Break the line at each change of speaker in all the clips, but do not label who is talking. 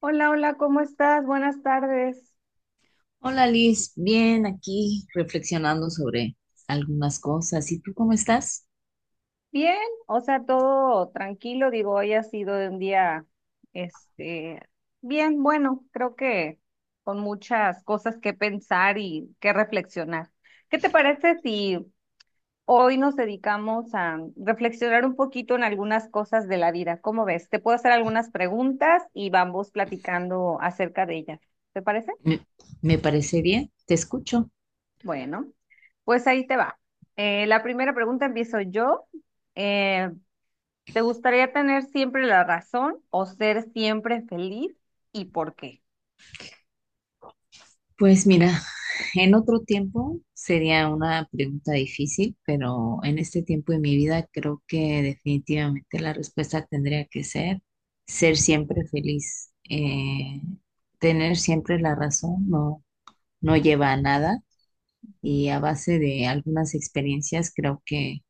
Hola, hola, ¿cómo estás? Buenas tardes.
Hola Liz, bien aquí reflexionando sobre algunas cosas. ¿Y tú cómo estás?
Bien, o sea, todo tranquilo, digo, hoy ha sido un día, este, bien, bueno, creo que con muchas cosas que pensar y que reflexionar. ¿Qué te parece si hoy nos dedicamos a reflexionar un poquito en algunas cosas de la vida? ¿Cómo ves? Te puedo hacer algunas preguntas y vamos platicando acerca de ellas. ¿Te parece?
Me, me parece bien, te escucho.
Bueno, pues ahí te va. La primera pregunta empiezo yo. Eh, ¿Te gustaría tener siempre la razón o ser siempre feliz y por qué?
Pues mira, en otro tiempo sería una pregunta difícil, pero en este tiempo de mi vida creo que definitivamente la respuesta tendría que ser ser siempre feliz. Tener siempre la razón no, no lleva a nada y a base de algunas experiencias creo que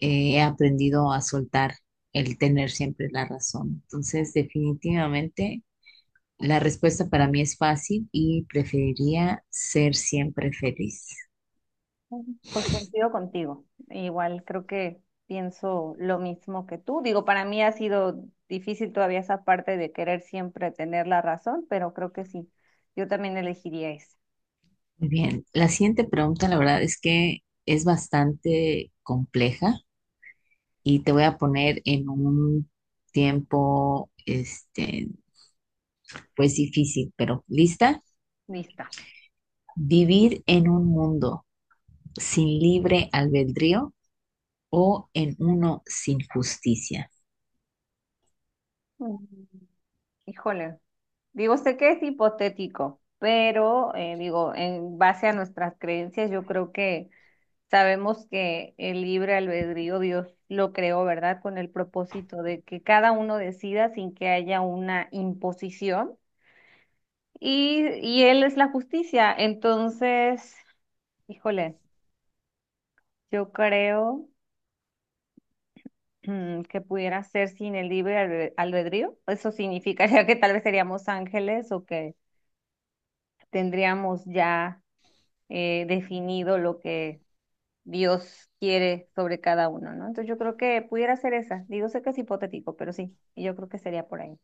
he aprendido a soltar el tener siempre la razón. Entonces, definitivamente, la respuesta para mí es fácil y preferiría ser siempre feliz.
Ujú. Pues coincido contigo. Igual creo que pienso lo mismo que tú. Digo, para mí ha sido difícil todavía esa parte de querer siempre tener la razón, pero creo que sí. Yo también elegiría esa.
Muy bien, la siguiente pregunta, la verdad es que es bastante compleja y te voy a poner en un tiempo, este, pues difícil, pero ¿lista?
Lista.
¿Vivir en un mundo sin libre albedrío o en uno sin justicia?
Mm, Híjole. Digo, sé que es hipotético, pero digo, en base a nuestras creencias, yo creo que sabemos que el libre albedrío Dios lo creó, ¿verdad? Con el propósito de que cada uno decida sin que haya una imposición. Y Él es la justicia. Entonces, híjole, yo creo que pudiera ser sin el libre albedrío. Eso significaría que tal vez seríamos ángeles o que tendríamos ya definido lo que Dios quiere sobre cada uno, ¿no? Entonces yo creo que pudiera ser esa. Digo, sé que es hipotético, pero sí, y yo creo que sería por ahí.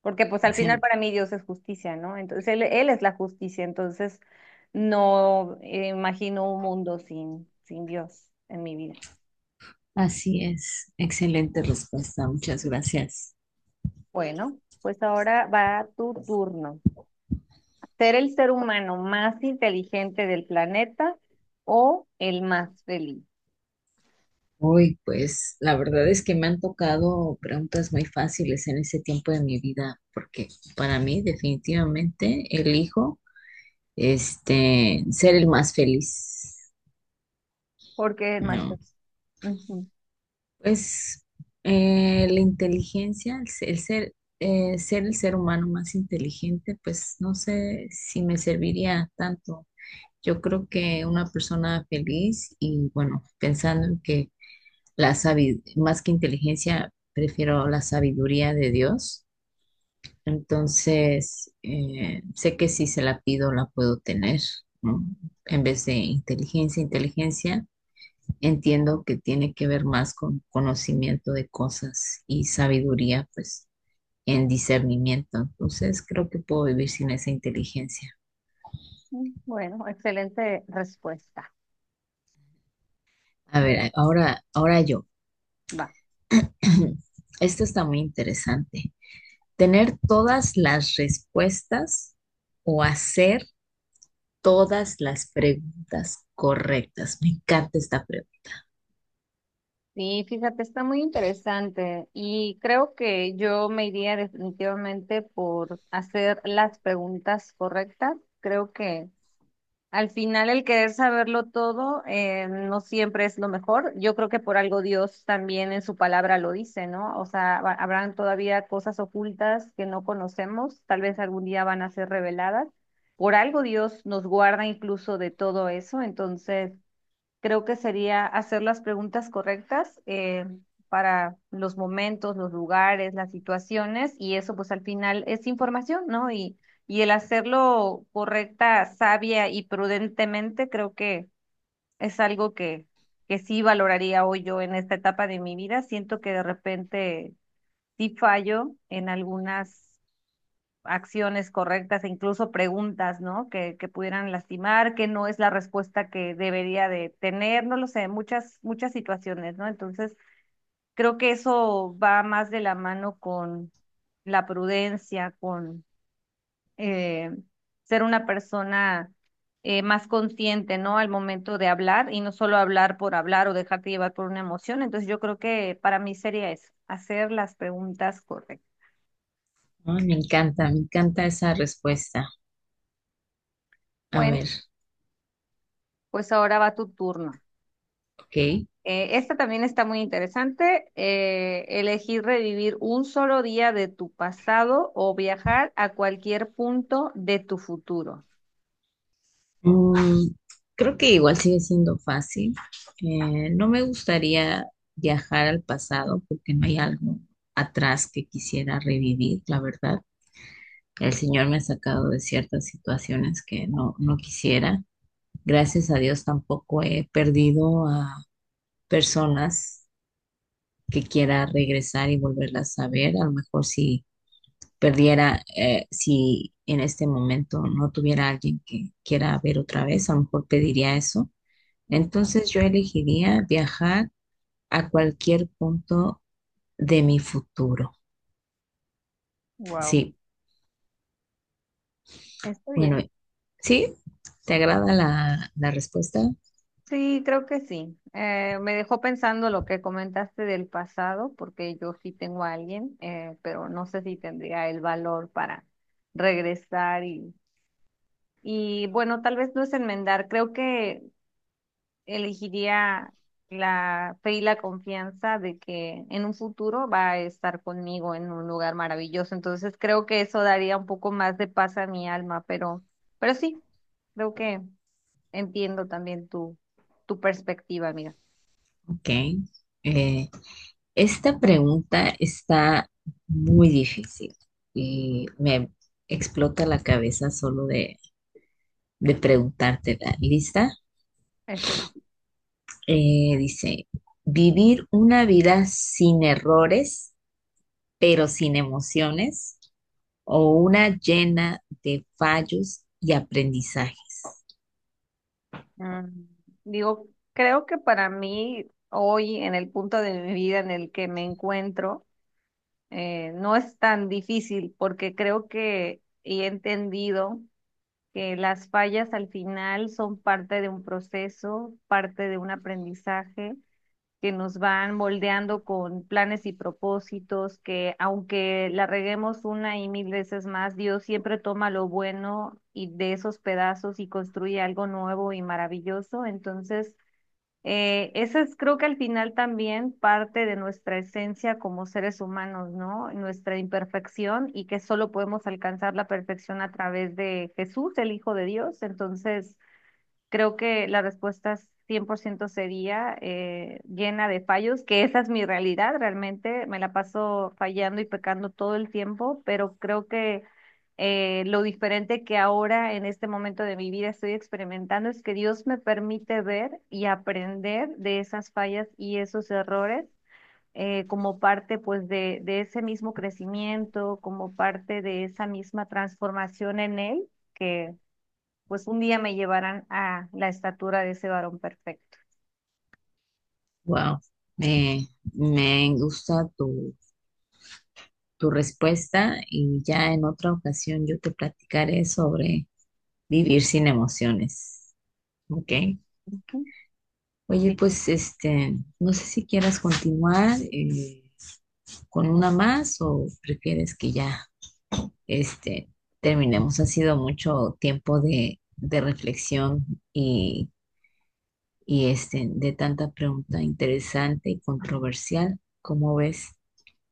Porque pues al final
Excelente.
para mí Dios es justicia, ¿no? Entonces él es la justicia, entonces no imagino un mundo sin Dios en mi vida.
Así es. Excelente respuesta. Muchas gracias.
Bueno, pues ahora va tu turno. ¿Ser el ser humano más inteligente del planeta o el más feliz?
Uy, pues la verdad es que me han tocado preguntas muy fáciles en ese tiempo de mi vida, porque para mí definitivamente elijo este ser el más feliz.
¿Por qué el más
No.
feliz? Ujú.
Pues la inteligencia, el, se- el ser, ser el ser humano más inteligente, pues no sé si me serviría tanto. Yo creo que una persona feliz y bueno, pensando en que más que inteligencia, prefiero la sabiduría de Dios. Entonces, sé que si se la pido, la puedo tener, ¿no? En vez de inteligencia. Entiendo que tiene que ver más con conocimiento de cosas y sabiduría, pues en discernimiento. Entonces creo que puedo vivir sin esa inteligencia.
Bueno, excelente respuesta.
A
Me-
ver, ahora, ahora yo.
Va.
Esto está muy interesante. Tener todas las respuestas o hacer todas las preguntas correctas. Me encanta esta pregunta.
Sí, fíjate, está muy interesante y creo que yo me iría definitivamente por hacer las preguntas correctas. Creo que al final el querer saberlo todo no siempre es lo mejor. Yo creo que por algo Dios también en su palabra lo dice, ¿no? O sea, habrán todavía cosas ocultas que no conocemos, tal vez algún día van a ser reveladas. Por algo Dios nos guarda incluso de todo eso, entonces. Creo que sería hacer las preguntas correctas para los momentos, los lugares, las situaciones, y eso pues al final es información, ¿no? Y el hacerlo correcta, sabia y prudentemente, creo que es algo que sí valoraría hoy yo en esta etapa de mi vida. Siento que de repente sí fallo en algunas acciones correctas e incluso preguntas, ¿no? Que pudieran lastimar, que no es la respuesta que debería de tener, no lo sé, muchas, muchas situaciones, ¿no? Entonces, creo que eso va más de la mano con la prudencia, con eh, ser una persona más consciente, ¿no? Al momento de hablar y no solo hablar por hablar o dejarte llevar por una emoción. Entonces, yo creo que para mí sería eso, hacer las preguntas correctas.
Ah, me encanta, me encanta esa respuesta. A
Bueno,
ver,
pues ahora va tu turno.
ok.
Esta también está muy interesante. Elegir revivir un solo día de tu pasado o viajar a cualquier punto de tu futuro.
Mm, creo que igual sigue siendo fácil. No me gustaría viajar al pasado porque no hay algo atrás que quisiera revivir, la verdad. El Señor me ha sacado de ciertas situaciones que no, no quisiera. Gracias a Dios tampoco he perdido a personas que quiera regresar y volverlas a ver. A lo mejor si perdiera, si en este momento no tuviera alguien que quiera ver otra vez, a lo mejor pediría eso. Entonces yo elegiría viajar a cualquier punto de mi futuro.
Wow,
Sí,
está
bueno,
bien.
¿sí? ¿Te agrada la respuesta?
Sí, creo que sí. Me dejó pensando lo que comentaste del pasado, porque yo sí tengo a alguien, pero no sé si tendría el valor para regresar y bueno, tal vez no es enmendar. Creo que elegiría la fe y la confianza de que en un futuro va a estar conmigo en un lugar maravilloso. Entonces creo que eso daría un poco más de paz a mi alma, pero sí, creo que entiendo también tu perspectiva, amiga.
Ok. Eh, esta pregunta está muy difícil y me explota la cabeza solo de preguntártela. ¿Lista?
Estoy.
Dice, ¿vivir una vida sin errores, pero sin emociones? ¿O una llena de fallos y aprendizajes?
mm, Digo, creo que para mí hoy, en el punto de mi vida en el que me encuentro, no es tan difícil porque creo que he entendido que las fallas al final son parte de un proceso, parte de un aprendizaje que nos van moldeando con planes y propósitos, que aunque la reguemos una y mil veces más, Dios siempre toma lo bueno y de esos pedazos y construye algo nuevo y maravilloso. Entonces, esa es creo que al final también parte de nuestra esencia como seres humanos, ¿no? Nuestra imperfección y que solo podemos alcanzar la perfección a través de Jesús, el Hijo de Dios. Entonces, creo que la respuesta es 100% sería llena de fallos, que esa es mi realidad realmente. Me la paso fallando y pecando todo el tiempo, pero creo que lo diferente que ahora en este momento de mi vida estoy experimentando es que Dios me permite ver y aprender de esas fallas y esos errores como parte pues de ese mismo crecimiento, como parte de esa misma transformación en Él que pues un día me llevarán a la estatura de ese varón perfecto.
Wow, me, me gusta tu respuesta y ya en otra ocasión yo te platicaré sobre vivir sin emociones. ¿Ok? Oye,
Sí,
pues este, no sé si quieras continuar con una más o prefieres que ya este, terminemos. Ha sido mucho tiempo de reflexión y este, de tanta pregunta interesante y controversial. ¿Cómo ves?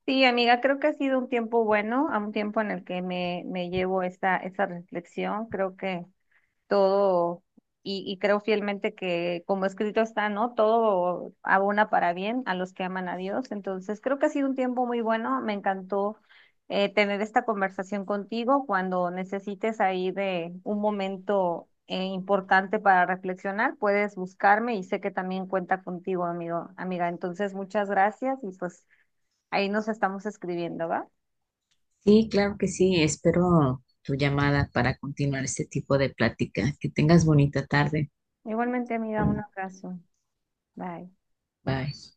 sí, amiga, creo que ha sido un tiempo bueno, a un tiempo en el que me llevo esta reflexión. Creo que todo, y creo fielmente que como escrito está, ¿no? Todo abona para bien a los que aman a Dios. Entonces, creo que ha sido un tiempo muy bueno. Me encantó tener esta conversación contigo cuando necesites ahí de un momento importante para reflexionar. Puedes buscarme y sé que también cuenta contigo, amigo, amiga. Entonces, muchas gracias y pues ahí nos estamos escribiendo, ¿va?
Sí, claro que sí. Espero tu llamada para continuar este tipo de plática. Que tengas bonita tarde.
Igualmente, amiga, un abrazo. Bye.
Bye.